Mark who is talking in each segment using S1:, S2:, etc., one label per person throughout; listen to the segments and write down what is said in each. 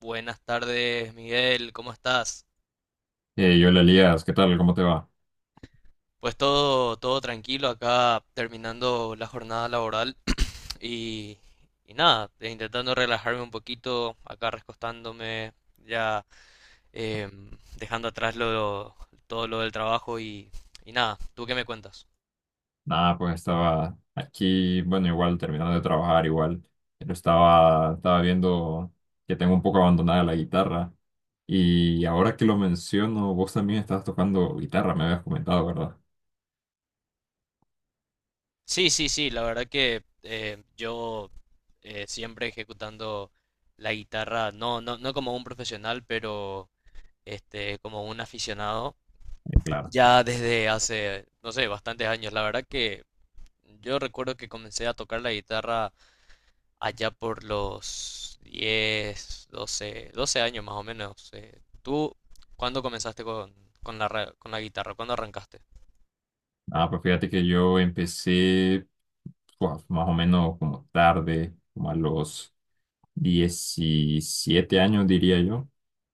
S1: Buenas tardes, Miguel, ¿cómo estás?
S2: Hola Elías, ¿qué tal? ¿Cómo te va?
S1: Pues todo tranquilo acá terminando la jornada laboral y, y nada, intentando relajarme un poquito, acá recostándome, ya, em, dejando atrás todo lo del trabajo y nada. ¿Tú qué me cuentas?
S2: Nada, pues estaba aquí, bueno, igual terminando de trabajar, igual, pero estaba viendo que tengo un poco abandonada la guitarra y ahora que lo menciono, vos también estabas tocando guitarra, me habías comentado, ¿verdad?
S1: Sí, sí, sí, la verdad que, yo, siempre ejecutando la guitarra, no, no, no como un profesional, pero este, como un aficionado.
S2: Claro.
S1: Ya desde hace, no sé, bastantes años. La verdad que yo recuerdo que comencé a tocar la guitarra allá por los 10 doce años más o menos. ¿Tú cuándo comenzaste con con la guitarra? ¿Cuándo arrancaste?
S2: Ah, pues fíjate que yo empecé pues, más o menos como tarde, como a los 17 años, diría yo.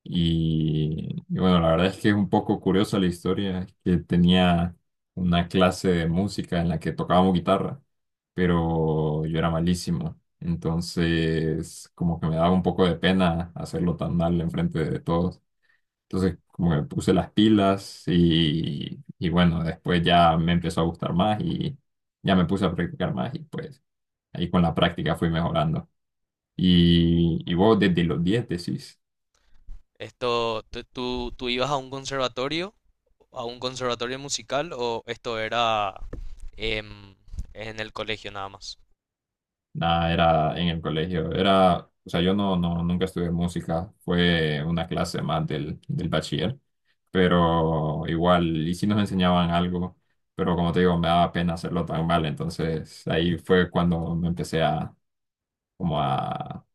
S2: Y bueno, la verdad es que es un poco curiosa la historia, es que tenía una clase de música en la que tocábamos guitarra, pero yo era malísimo. Entonces, como que me daba un poco de pena hacerlo tan mal enfrente de todos. Entonces, como que me puse las pilas y bueno, después ya me empezó a gustar más y ya me puse a practicar más y pues ahí con la práctica fui mejorando. Y vos desde los 10 decís,
S1: ¿Esto, tú ibas a un conservatorio musical, o esto era, em, en el colegio nada más?
S2: nada, era en el colegio, era, o sea, yo no, nunca estudié música, fue una clase más del bachiller, pero igual, y sí nos enseñaban algo, pero como te digo, me daba pena hacerlo tan mal, entonces ahí fue cuando me empecé a, como a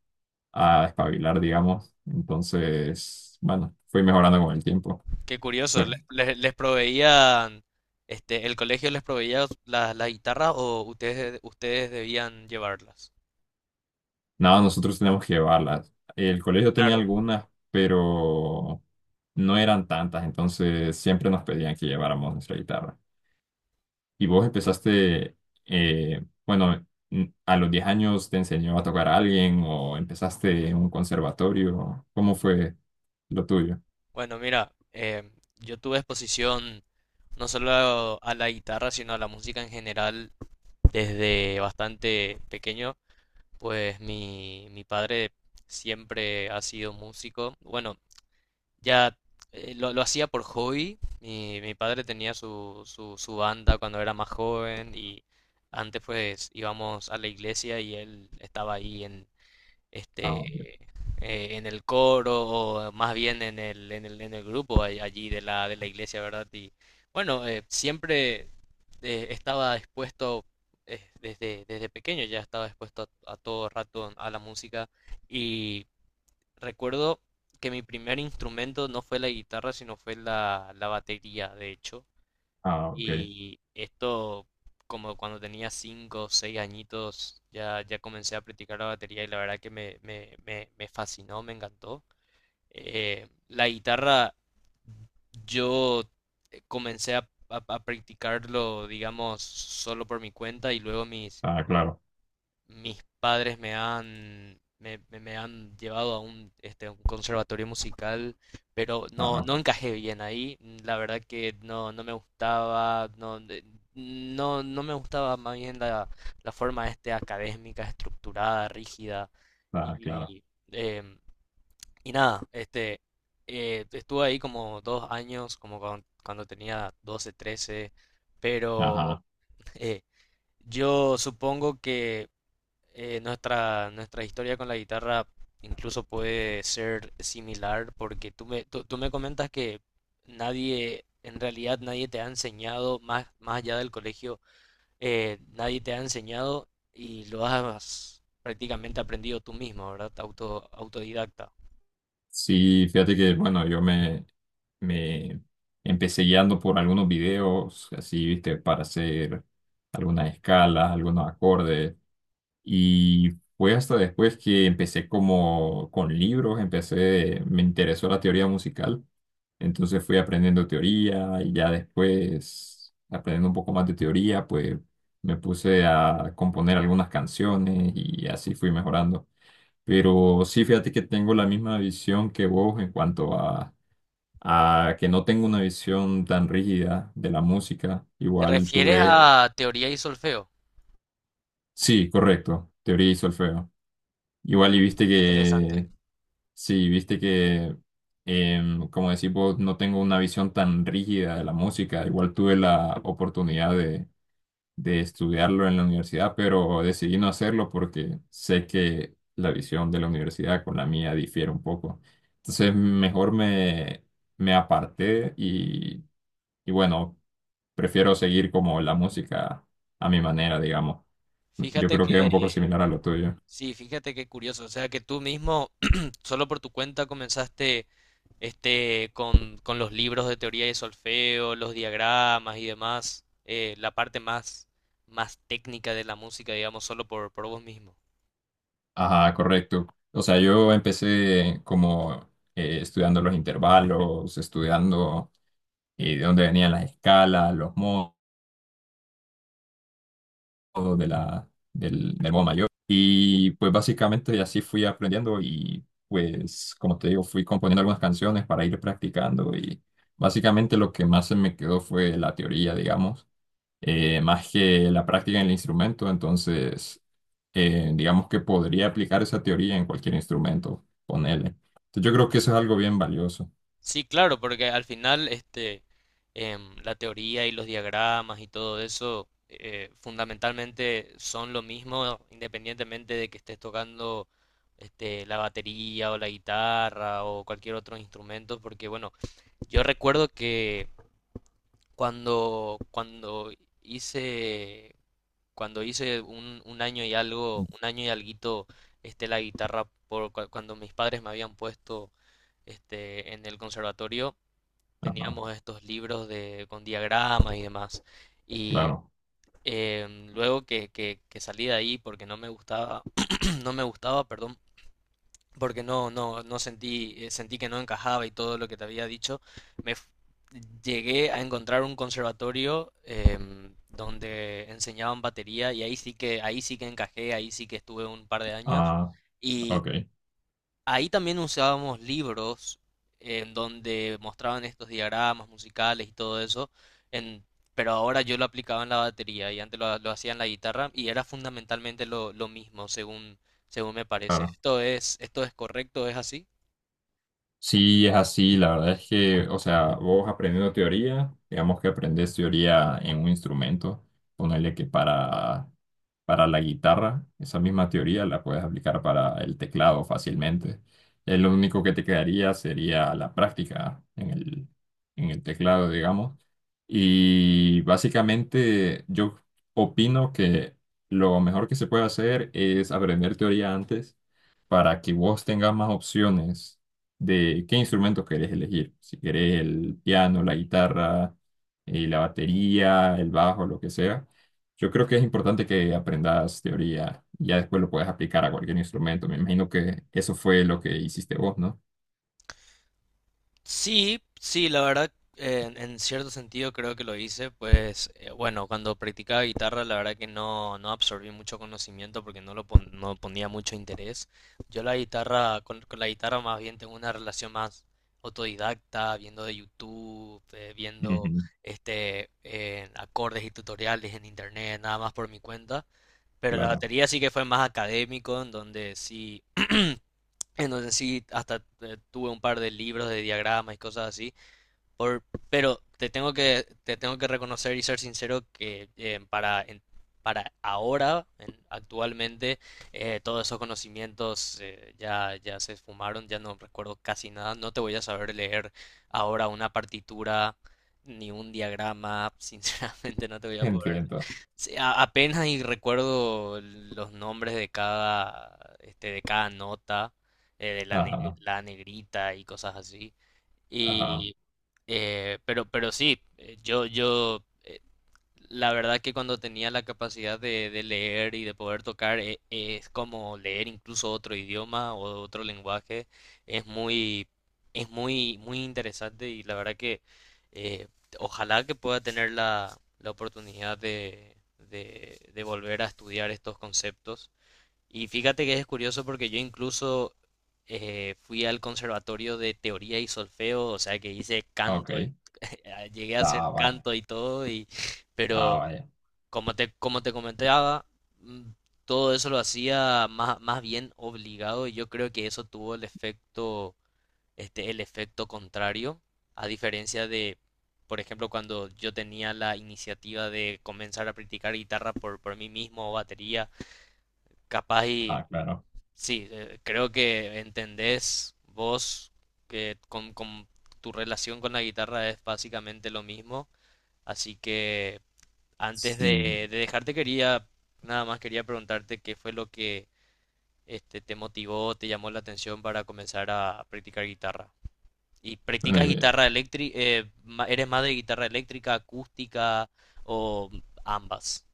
S2: a espabilar, digamos. Entonces, bueno, fui mejorando con el tiempo.
S1: Qué curioso,
S2: Pero
S1: este, el colegio les proveía la guitarra, o ustedes debían llevarlas.
S2: nada, nosotros teníamos que llevarlas. El colegio tenía
S1: Claro.
S2: algunas, pero no eran tantas, entonces siempre nos pedían que lleváramos nuestra guitarra. Y vos empezaste, bueno, a los 10 años te enseñó a tocar a alguien o empezaste en un conservatorio. ¿Cómo fue lo tuyo?
S1: Bueno, mira, yo tuve exposición no solo a la guitarra, sino a la música en general desde bastante pequeño, pues mi padre siempre ha sido músico. Bueno, ya, lo hacía por hobby. Mi padre tenía su banda cuando era más joven, y antes pues íbamos a la iglesia y él estaba ahí
S2: Ah, ok.
S1: este en el coro, o más bien en el grupo allí de la iglesia, ¿verdad? Y bueno, siempre, estaba expuesto, desde pequeño, ya estaba expuesto a todo rato a la música. Recuerdo que mi primer instrumento no fue la guitarra, sino fue la batería, de hecho.
S2: Ah, ok.
S1: Y, como cuando tenía 5 o 6 añitos, ya comencé a practicar la batería, y la verdad que me fascinó, me encantó. La guitarra, yo comencé a practicarlo, digamos, solo por mi cuenta, y luego mis,
S2: Ah, claro,
S1: mis padres me han llevado a un conservatorio musical, pero no,
S2: claro,
S1: no encajé bien ahí. La verdad que no me gustaba. No, no me gustaba más bien la forma académica, estructurada, rígida.
S2: ah, claro.
S1: Y, em, y nada, este, estuve ahí como 2 años, como cuando tenía 12, 13, pero,
S2: Ajá.
S1: eh, yo supongo que, nuestra historia con la guitarra incluso puede ser similar, porque tú me comentas que nadie, en realidad nadie te ha enseñado más allá del colegio, nadie te ha enseñado, y lo has prácticamente aprendido tú mismo, ¿verdad? Autodidacta.
S2: Sí, fíjate que, bueno, yo me empecé guiando por algunos videos, así, viste, para hacer algunas escalas, algunos acordes. Y fue hasta después que empecé como con libros, empecé, me interesó la teoría musical. Entonces fui aprendiendo teoría y ya después, aprendiendo un poco más de teoría, pues me puse a componer algunas canciones y así fui mejorando. Pero sí, fíjate que tengo la misma visión que vos en cuanto a, que no tengo una visión tan rígida de la música.
S1: ¿Te
S2: Igual
S1: refieres
S2: tuve,
S1: a teoría y solfeo?
S2: sí, correcto, teoría y solfeo. Igual y viste
S1: Qué interesante.
S2: que, sí, viste que, como decís vos, no tengo una visión tan rígida de la música. Igual tuve la oportunidad de estudiarlo en la universidad, pero decidí no hacerlo porque sé que la visión de la universidad con la mía difiere un poco. Entonces, mejor me aparté y bueno, prefiero seguir como la música a mi manera, digamos. Yo
S1: Fíjate
S2: creo que es un poco
S1: que,
S2: similar a lo tuyo.
S1: sí, fíjate qué curioso, o sea que tú mismo, solo por tu cuenta, comenzaste con los libros de teoría de solfeo, los diagramas y demás, la parte más técnica de la música, digamos, solo por vos mismo.
S2: Ajá, correcto. O sea, yo empecé como estudiando los intervalos, estudiando de dónde venían las escalas, los modos de la, del modo mayor. Y pues básicamente así fui aprendiendo y pues como te digo, fui componiendo algunas canciones para ir practicando y básicamente lo que más se me quedó fue la teoría, digamos, más que la práctica en el instrumento. Entonces, digamos que podría aplicar esa teoría en cualquier instrumento, ponele. Entonces, yo creo que eso es algo bien valioso.
S1: Sí, claro, porque al final, la teoría y los diagramas y todo eso, fundamentalmente son lo mismo independientemente de que estés tocando, la batería o la guitarra o cualquier otro instrumento, porque bueno, yo recuerdo que Cuando, cuando hice, cuando hice un año y algo, un año y alguito, la guitarra, cuando mis padres me habían puesto, en el conservatorio,
S2: Ajá,
S1: teníamos estos libros, con diagramas y demás. Y,
S2: claro.
S1: luego que salí de ahí porque no me gustaba, no me gustaba, perdón, porque no sentí, sentí que no encajaba, y todo lo que te había dicho, me f- llegué a encontrar un conservatorio, donde enseñaban batería, y ahí sí que encajé, ahí sí que estuve un par de años.
S2: Ah, ok,
S1: Ahí también usábamos libros en donde mostraban estos diagramas musicales y todo eso, en- pero ahora yo lo aplicaba en la batería, y antes lo hacía en la guitarra, y era fundamentalmente lo mismo, según me parece.
S2: claro.
S1: ¿Esto es correcto? ¿Es así?
S2: Sí, es así, la verdad es que, o sea, vos aprendiendo teoría, digamos que aprendes teoría en un instrumento, ponerle que para, la guitarra, esa misma teoría la puedes aplicar para el teclado fácilmente. Lo único que te quedaría sería la práctica en el teclado, digamos. Y básicamente yo opino que lo mejor que se puede hacer es aprender teoría antes para que vos tengas más opciones de qué instrumentos querés elegir. Si querés el piano, la guitarra, la batería, el bajo, lo que sea. Yo creo que es importante que aprendas teoría y ya después lo puedes aplicar a cualquier instrumento. Me imagino que eso fue lo que hiciste vos, ¿no?
S1: Sí, sí, la verdad, en cierto sentido creo que lo hice, pues, bueno, cuando practicaba guitarra la verdad que no absorbí mucho conocimiento porque no ponía mucho interés. Yo la guitarra, con la guitarra, más bien tengo una relación más autodidacta, viendo de YouTube, viendo,
S2: Ujú,
S1: acordes y tutoriales en internet, nada más por mi cuenta. Pero la
S2: claro.
S1: batería sí que fue más académico, en donde sí hasta, tuve un par de libros de diagramas y cosas así por, pero te tengo que reconocer y ser sincero que, para ahora, actualmente, todos esos conocimientos, ya se esfumaron, ya no recuerdo casi nada. No te voy a saber leer ahora una partitura ni un diagrama, sinceramente no te voy a poder.
S2: Entiendo.
S1: Sí, apenas y recuerdo los nombres de cada nota, eh, de la, ne-
S2: Ajá,
S1: la negrita y cosas así.
S2: ajá.
S1: Y, pero sí, yo, la verdad que cuando tenía la capacidad de leer y de poder tocar, es como leer incluso otro idioma o otro lenguaje, es muy, muy interesante, y la verdad que, eh, ojalá que pueda tener la oportunidad de volver a estudiar estos conceptos. Y fíjate que es curioso, porque yo incluso, fui al conservatorio de teoría y solfeo, o sea que hice canto y
S2: Ok.
S1: llegué a hacer
S2: Ah, vaya.
S1: canto y todo,
S2: Ah,
S1: pero
S2: vaya.
S1: como te comentaba, mm, todo eso lo hacía más bien obligado, y yo creo que eso tuvo el efecto contrario, a diferencia de, por ejemplo, cuando yo tenía la iniciativa de comenzar a practicar guitarra por mí mismo o batería, capaz. Y
S2: Ah, claro.
S1: sí, creo que entendés vos que con tu relación con la guitarra es básicamente lo mismo, así que antes
S2: Sí.
S1: de dejarte nada más quería preguntarte qué fue lo que, te motivó, te llamó la atención para comenzar a practicar guitarra. ¿Y practicas
S2: Bueno,
S1: guitarra eléctrica? ¿Eres más de guitarra eléctrica, acústica o ambas?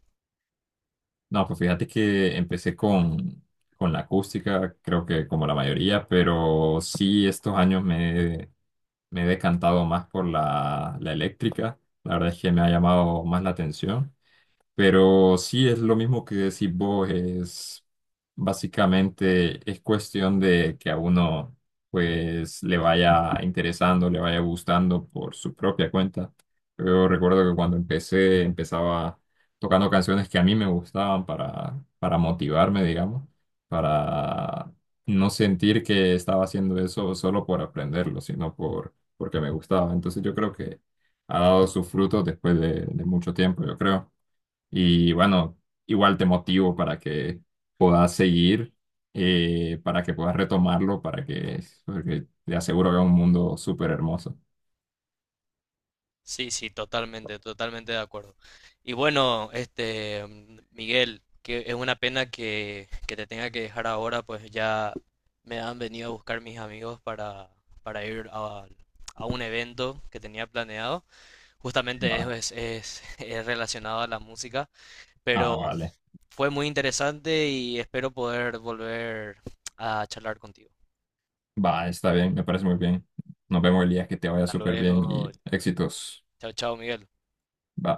S2: no, pues fíjate que empecé con, la acústica, creo que como la mayoría, pero sí estos años me he decantado más por la eléctrica. La verdad es que me ha llamado más la atención. Pero sí es lo mismo que decís vos, es básicamente es cuestión de que a uno pues le vaya interesando, le vaya gustando por su propia cuenta. Yo recuerdo que cuando empecé, empezaba tocando canciones que a mí me gustaban para motivarme, digamos, para no sentir que estaba haciendo eso solo por aprenderlo, sino porque me gustaba. Entonces yo creo que ha dado sus frutos después de mucho tiempo, yo creo. Y bueno, igual te motivo para que puedas seguir, para que puedas retomarlo, para que, porque te aseguro que es un mundo súper hermoso.
S1: Sí, sí, totalmente, totalmente de acuerdo. Y bueno, Miguel, que es una pena que te tenga que dejar ahora, pues ya me han venido a buscar mis amigos para ir a un evento que tenía planeado. Justamente
S2: Va.
S1: es relacionado a la música,
S2: Ah,
S1: pero
S2: vale.
S1: fue muy interesante y espero poder volver a charlar contigo.
S2: Va, está bien, me parece muy bien. Nos vemos el día que te vaya
S1: Hasta
S2: súper bien
S1: luego.
S2: y éxitos.
S1: Chao, chao, Miguel.
S2: Va.